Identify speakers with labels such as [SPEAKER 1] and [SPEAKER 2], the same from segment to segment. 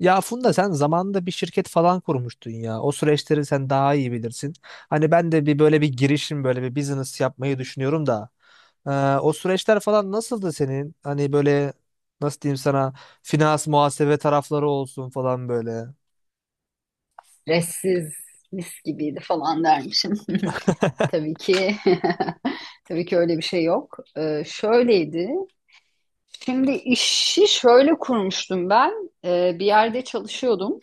[SPEAKER 1] Ya Funda, sen zamanında bir şirket falan kurmuştun ya. O süreçleri sen daha iyi bilirsin. Hani ben de bir böyle bir girişim, böyle bir business yapmayı düşünüyorum da. Ee, O süreçler falan nasıldı senin? Hani böyle nasıl diyeyim sana, finans muhasebe tarafları olsun falan böyle.
[SPEAKER 2] Stressiz, mis gibiydi falan dermişim. Tabii ki tabii ki öyle bir şey yok. Şöyleydi. Şimdi işi şöyle kurmuştum ben. Bir yerde çalışıyordum.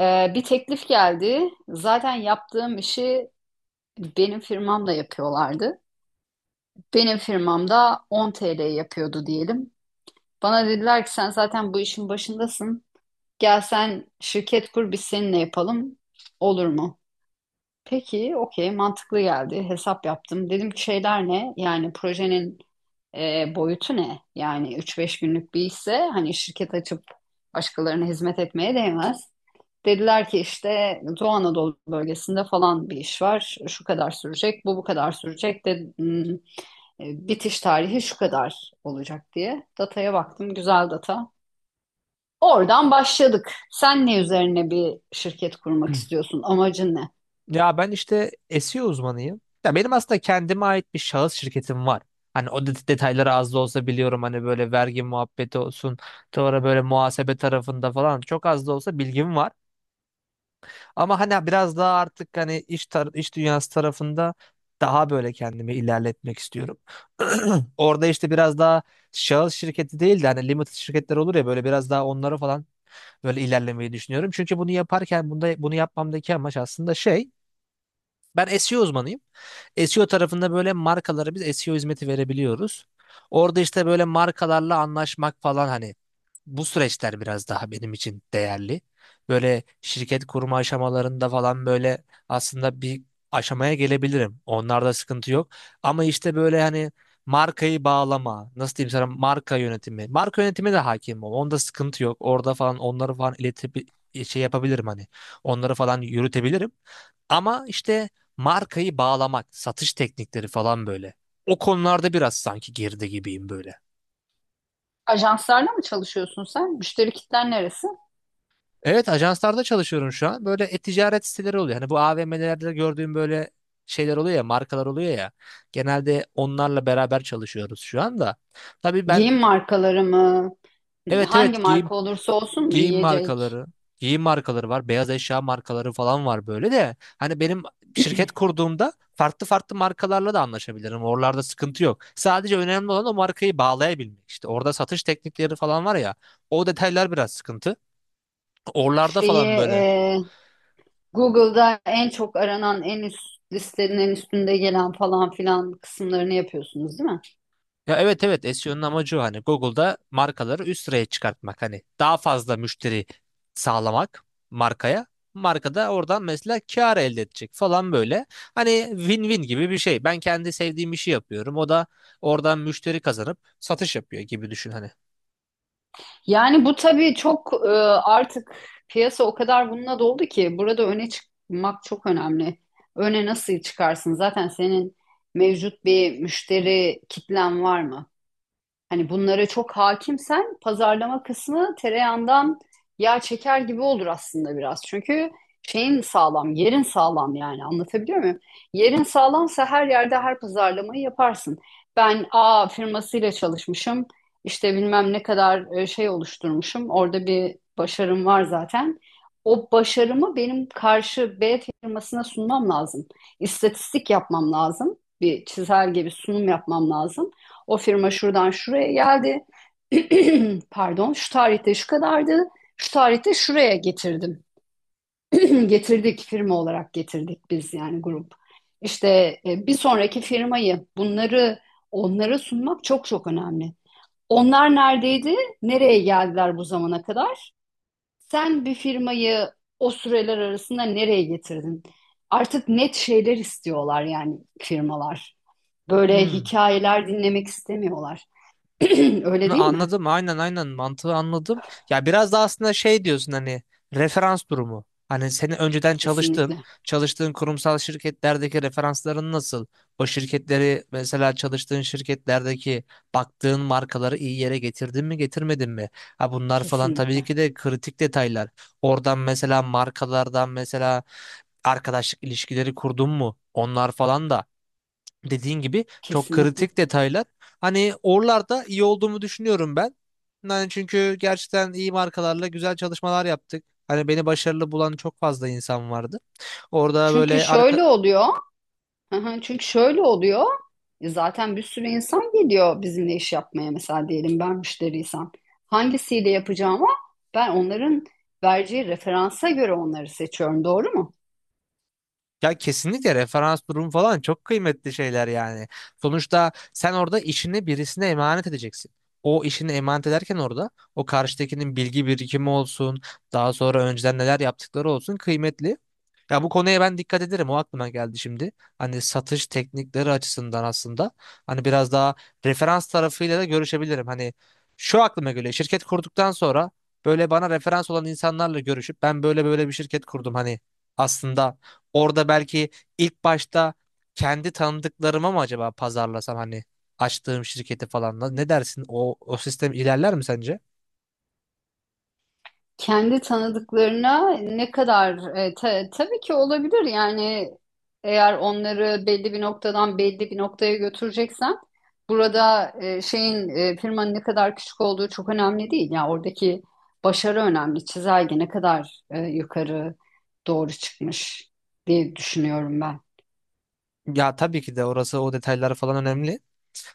[SPEAKER 2] Bir teklif geldi. Zaten yaptığım işi benim firmamla yapıyorlardı. Benim firmamda 10 TL yapıyordu diyelim. Bana dediler ki sen zaten bu işin başındasın. Gel sen şirket kur, biz seninle yapalım. Olur mu? Peki, okey, mantıklı geldi. Hesap yaptım. Dedim ki şeyler ne? Yani projenin boyutu ne? Yani 3-5 günlük bir ise hani şirket açıp başkalarına hizmet etmeye değmez. Dediler ki işte Doğu Anadolu bölgesinde falan bir iş var. Şu kadar sürecek, bu kadar sürecek de hmm, bitiş tarihi şu kadar olacak diye. Dataya baktım, güzel data. Oradan başladık. Sen ne üzerine bir şirket kurmak istiyorsun? Amacın ne?
[SPEAKER 1] Ya ben işte SEO uzmanıyım. Ya benim aslında kendime ait bir şahıs şirketim var. Hani detayları az da olsa biliyorum, hani böyle vergi muhabbeti olsun, sonra böyle muhasebe tarafında falan çok az da olsa bilgim var. Ama hani biraz daha artık hani iş dünyası tarafında daha böyle kendimi ilerletmek istiyorum. Orada işte biraz daha şahıs şirketi değil de hani limited şirketler olur ya, böyle biraz daha onlara falan böyle ilerlemeyi düşünüyorum. Çünkü bunu yaparken bunu yapmamdaki amaç aslında şey, ben SEO uzmanıyım. SEO tarafında böyle markalara biz SEO hizmeti verebiliyoruz. Orada işte böyle markalarla anlaşmak falan, hani bu süreçler biraz daha benim için değerli. Böyle şirket kurma aşamalarında falan böyle aslında bir aşamaya gelebilirim. Onlarda sıkıntı yok. Ama işte böyle hani markayı bağlama, nasıl diyeyim sana, marka yönetimi. Marka yönetimi de hakim ol. Onda sıkıntı yok. Orada falan onları falan iletip şey yapabilirim hani. Onları falan yürütebilirim. Ama işte markayı bağlamak, satış teknikleri falan böyle. O konularda biraz sanki geride gibiyim böyle.
[SPEAKER 2] Ajanslarla mı çalışıyorsun sen? Müşteri kitlen neresi?
[SPEAKER 1] Evet, ajanslarda çalışıyorum şu an. Böyle e-ticaret siteleri oluyor. Hani bu AVM'lerde gördüğüm böyle şeyler oluyor ya, markalar oluyor ya. Genelde onlarla beraber çalışıyoruz şu anda. Tabii ben
[SPEAKER 2] Giyim markaları mı?
[SPEAKER 1] evet,
[SPEAKER 2] Hangi
[SPEAKER 1] evet, giyim,
[SPEAKER 2] marka olursa olsun mu
[SPEAKER 1] giyim
[SPEAKER 2] yiyecek?
[SPEAKER 1] markaları, giyim markaları var, beyaz eşya markaları falan var böyle de. Hani benim şirket kurduğumda farklı farklı markalarla da anlaşabilirim. Oralarda sıkıntı yok. Sadece önemli olan o markayı bağlayabilmek. İşte orada satış teknikleri falan var ya. O detaylar biraz sıkıntı. Oralarda
[SPEAKER 2] Şeyi
[SPEAKER 1] falan böyle.
[SPEAKER 2] e, Google'da en çok aranan, en üst listelerin en üstünde gelen falan filan kısımlarını yapıyorsunuz, değil mi?
[SPEAKER 1] Ya evet, evet, SEO'nun amacı o, hani Google'da markaları üst sıraya çıkartmak, hani daha fazla müşteri sağlamak markaya. Marka da oradan mesela kar elde edecek falan böyle. Hani win-win gibi bir şey. Ben kendi sevdiğim işi yapıyorum. O da oradan müşteri kazanıp satış yapıyor gibi düşün hani.
[SPEAKER 2] Yani bu tabii çok artık piyasa o kadar bununla doldu ki burada öne çıkmak çok önemli. Öne nasıl çıkarsın? Zaten senin mevcut bir müşteri kitlen var mı? Hani bunlara çok hakimsen pazarlama kısmı tereyağından yağ çeker gibi olur aslında biraz. Çünkü şeyin sağlam, yerin sağlam, yani anlatabiliyor muyum? Yerin sağlamsa her yerde her pazarlamayı yaparsın. Ben A firmasıyla çalışmışım. İşte bilmem ne kadar şey oluşturmuşum. Orada bir başarım var zaten. O başarımı benim karşı B firmasına sunmam lazım. İstatistik yapmam lazım. Bir çizelge, bir sunum yapmam lazım. O firma şuradan şuraya geldi. Pardon, şu tarihte şu kadardı. Şu tarihte şuraya getirdim. Getirdik, firma olarak getirdik biz, yani grup. İşte bir sonraki firmayı, bunları onlara sunmak çok çok önemli. Onlar neredeydi? Nereye geldiler bu zamana kadar? Sen bir firmayı o süreler arasında nereye getirdin? Artık net şeyler istiyorlar yani firmalar. Böyle
[SPEAKER 1] Hmm.
[SPEAKER 2] hikayeler dinlemek istemiyorlar. Öyle değil mi?
[SPEAKER 1] Anladım, aynen, aynen, mantığı anladım. Ya biraz da aslında şey diyorsun hani, referans durumu. Hani senin önceden çalıştığın,
[SPEAKER 2] Kesinlikle.
[SPEAKER 1] çalıştığın kurumsal şirketlerdeki referansların nasıl? O şirketleri mesela, çalıştığın şirketlerdeki baktığın markaları iyi yere getirdin mi, getirmedin mi? Ha, bunlar falan tabii
[SPEAKER 2] Kesinlikle.
[SPEAKER 1] ki de kritik detaylar. Oradan mesela markalardan mesela arkadaşlık ilişkileri kurdun mu? Onlar falan da dediğin gibi çok
[SPEAKER 2] Kesinlikle.
[SPEAKER 1] kritik detaylar. Hani oralarda iyi olduğumu düşünüyorum ben. Yani çünkü gerçekten iyi markalarla güzel çalışmalar yaptık. Hani beni başarılı bulan çok fazla insan vardı. Orada
[SPEAKER 2] Çünkü
[SPEAKER 1] böyle arka.
[SPEAKER 2] şöyle oluyor. Hı hı. Çünkü şöyle oluyor. Zaten bir sürü insan geliyor bizimle iş yapmaya. Mesela diyelim ben müşteriysem. Hangisiyle yapacağımı ben onların vereceği referansa göre onları seçiyorum. Doğru mu?
[SPEAKER 1] Ya kesinlikle, referans durum falan çok kıymetli şeyler yani. Sonuçta sen orada işini birisine emanet edeceksin. O işini emanet ederken orada o karşıdakinin bilgi birikimi olsun, daha sonra önceden neler yaptıkları olsun, kıymetli. Ya bu konuya ben dikkat ederim. O aklıma geldi şimdi. Hani satış teknikleri açısından aslında hani biraz daha referans tarafıyla da görüşebilirim. Hani şu aklıma göre, şirket kurduktan sonra böyle bana referans olan insanlarla görüşüp, ben böyle böyle bir şirket kurdum hani, aslında orada belki ilk başta kendi tanıdıklarıma mı acaba pazarlasam hani açtığım şirketi falan, ne dersin? O sistem ilerler mi sence?
[SPEAKER 2] Kendi tanıdıklarına ne kadar tabii ki olabilir yani, eğer onları belli bir noktadan belli bir noktaya götüreceksen burada firmanın ne kadar küçük olduğu çok önemli değil. Yani oradaki başarı önemli. Çizelge ne kadar yukarı doğru çıkmış diye düşünüyorum ben.
[SPEAKER 1] Ya tabii ki de orası, o detayları falan önemli.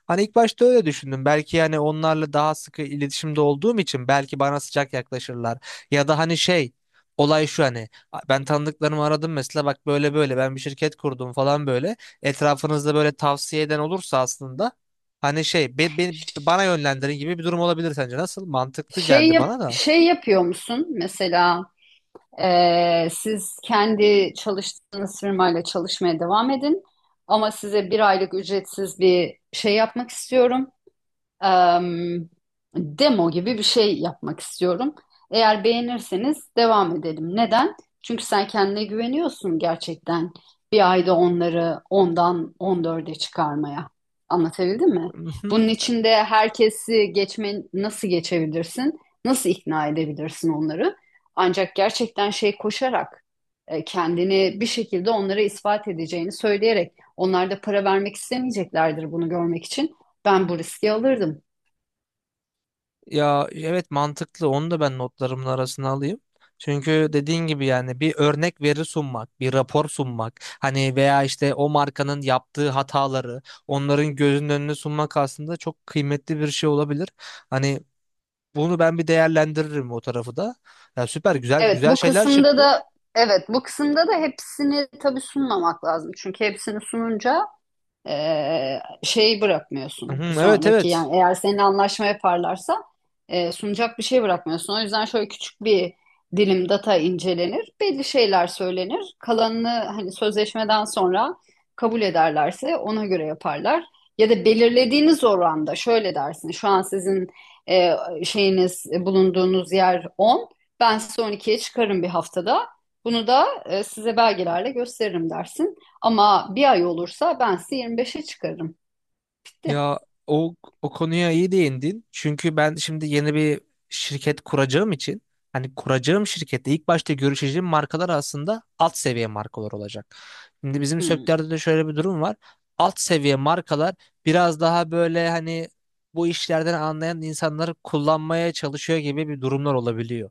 [SPEAKER 1] Hani ilk başta öyle düşündüm. Belki yani onlarla daha sıkı iletişimde olduğum için belki bana sıcak yaklaşırlar. Ya da hani şey, olay şu hani, ben tanıdıklarımı aradım mesela, bak böyle böyle ben bir şirket kurdum falan böyle. Etrafınızda böyle tavsiye eden olursa aslında hani şey, bana yönlendirin gibi bir durum olabilir, sence nasıl? Mantıklı
[SPEAKER 2] Şey
[SPEAKER 1] geldi
[SPEAKER 2] yap,
[SPEAKER 1] bana da.
[SPEAKER 2] şey yapıyor musun mesela? Siz kendi çalıştığınız firmayla çalışmaya devam edin. Ama size bir aylık ücretsiz bir şey yapmak istiyorum, em, demo gibi bir şey yapmak istiyorum. Eğer beğenirseniz devam edelim. Neden? Çünkü sen kendine güveniyorsun gerçekten. Bir ayda onları ondan on dörde çıkarmaya. Anlatabildim mi? Bunun için de herkesi geçme, nasıl geçebilirsin? Nasıl ikna edebilirsin onları? Ancak gerçekten şey, koşarak kendini bir şekilde onlara ispat edeceğini söyleyerek, onlar da para vermek istemeyeceklerdir bunu görmek için. Ben bu riski alırdım.
[SPEAKER 1] Ya evet, mantıklı, onu da ben notlarımın arasına alayım. Çünkü dediğin gibi yani bir örnek veri sunmak, bir rapor sunmak, hani veya işte o markanın yaptığı hataları onların gözünün önüne sunmak aslında çok kıymetli bir şey olabilir. Hani bunu ben bir değerlendiririm o tarafı da. Ya süper, güzel
[SPEAKER 2] Evet,
[SPEAKER 1] güzel
[SPEAKER 2] bu
[SPEAKER 1] şeyler
[SPEAKER 2] kısımda
[SPEAKER 1] çıktı.
[SPEAKER 2] da evet, bu kısımda da hepsini tabii sunmamak lazım. Çünkü hepsini sununca şey
[SPEAKER 1] Hı,
[SPEAKER 2] bırakmıyorsun bir
[SPEAKER 1] evet,
[SPEAKER 2] sonraki,
[SPEAKER 1] evet.
[SPEAKER 2] yani eğer seninle anlaşma yaparlarsa sunacak bir şey bırakmıyorsun. O yüzden şöyle küçük bir dilim data incelenir, belli şeyler söylenir. Kalanını hani sözleşmeden sonra kabul ederlerse ona göre yaparlar. Ya da belirlediğiniz oranda şöyle dersin. Şu an sizin e, bulunduğunuz yer 10. Ben size 12'ye çıkarım bir haftada. Bunu da size belgelerle gösteririm dersin. Ama bir ay olursa ben sizi 25'e çıkarım.
[SPEAKER 1] Ya o, o konuya iyi değindin. Çünkü ben şimdi yeni bir şirket kuracağım için hani kuracağım şirkette ilk başta görüşeceğim markalar aslında alt seviye markalar olacak. Şimdi bizim
[SPEAKER 2] Hmm,
[SPEAKER 1] sektörde de şöyle bir durum var. Alt seviye markalar biraz daha böyle hani bu işlerden anlayan insanları kullanmaya çalışıyor gibi bir durumlar olabiliyor.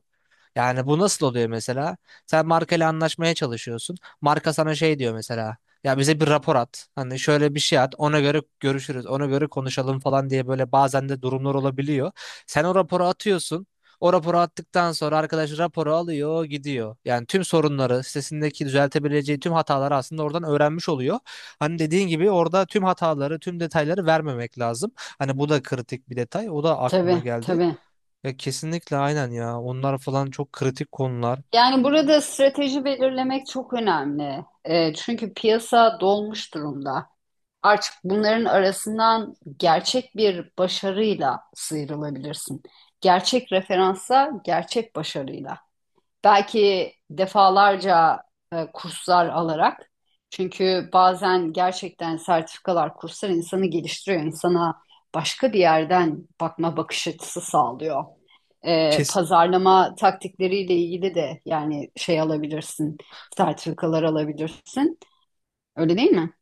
[SPEAKER 1] Yani bu nasıl oluyor mesela? Sen markayla anlaşmaya çalışıyorsun. Marka sana şey diyor mesela. Ya bize bir rapor at. Hani şöyle bir şey at. Ona göre görüşürüz. Ona göre konuşalım falan diye böyle bazen de durumlar olabiliyor. Sen o raporu atıyorsun. O raporu attıktan sonra arkadaş raporu alıyor, gidiyor. Yani tüm sorunları, sitesindeki düzeltebileceği tüm hataları aslında oradan öğrenmiş oluyor. Hani dediğin gibi orada tüm hataları, tüm detayları vermemek lazım. Hani bu da kritik bir detay. O da aklıma
[SPEAKER 2] tabii
[SPEAKER 1] geldi.
[SPEAKER 2] tabii.
[SPEAKER 1] Ya kesinlikle, aynen ya. Onlar falan çok kritik konular.
[SPEAKER 2] Yani burada strateji belirlemek çok önemli. Çünkü piyasa dolmuş durumda. Artık bunların arasından gerçek bir başarıyla sıyrılabilirsin. Gerçek referansa, gerçek başarıyla. Belki defalarca kurslar alarak. Çünkü bazen gerçekten sertifikalar, kurslar insanı geliştiriyor. İnsana başka bir yerden bakma bakış açısı sağlıyor.
[SPEAKER 1] Kes,
[SPEAKER 2] Pazarlama taktikleriyle ilgili de yani şey alabilirsin, sertifikalar alabilirsin. Öyle değil mi?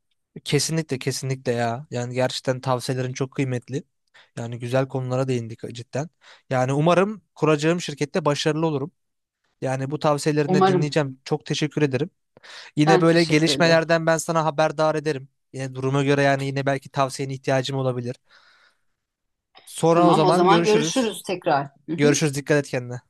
[SPEAKER 1] Kesinlikle, kesinlikle ya. Yani gerçekten tavsiyelerin çok kıymetli. Yani güzel konulara değindik cidden. Yani umarım kuracağım şirkette başarılı olurum. Yani bu tavsiyelerini de
[SPEAKER 2] Umarım.
[SPEAKER 1] dinleyeceğim. Çok teşekkür ederim. Yine
[SPEAKER 2] Ben
[SPEAKER 1] böyle
[SPEAKER 2] teşekkür ederim.
[SPEAKER 1] gelişmelerden ben sana haberdar ederim. Yine duruma göre yani, yine belki tavsiyene ihtiyacım olabilir. Sonra o
[SPEAKER 2] Tamam, o
[SPEAKER 1] zaman
[SPEAKER 2] zaman
[SPEAKER 1] görüşürüz.
[SPEAKER 2] görüşürüz tekrar. Hı hı.
[SPEAKER 1] Görüşürüz. Dikkat et kendine.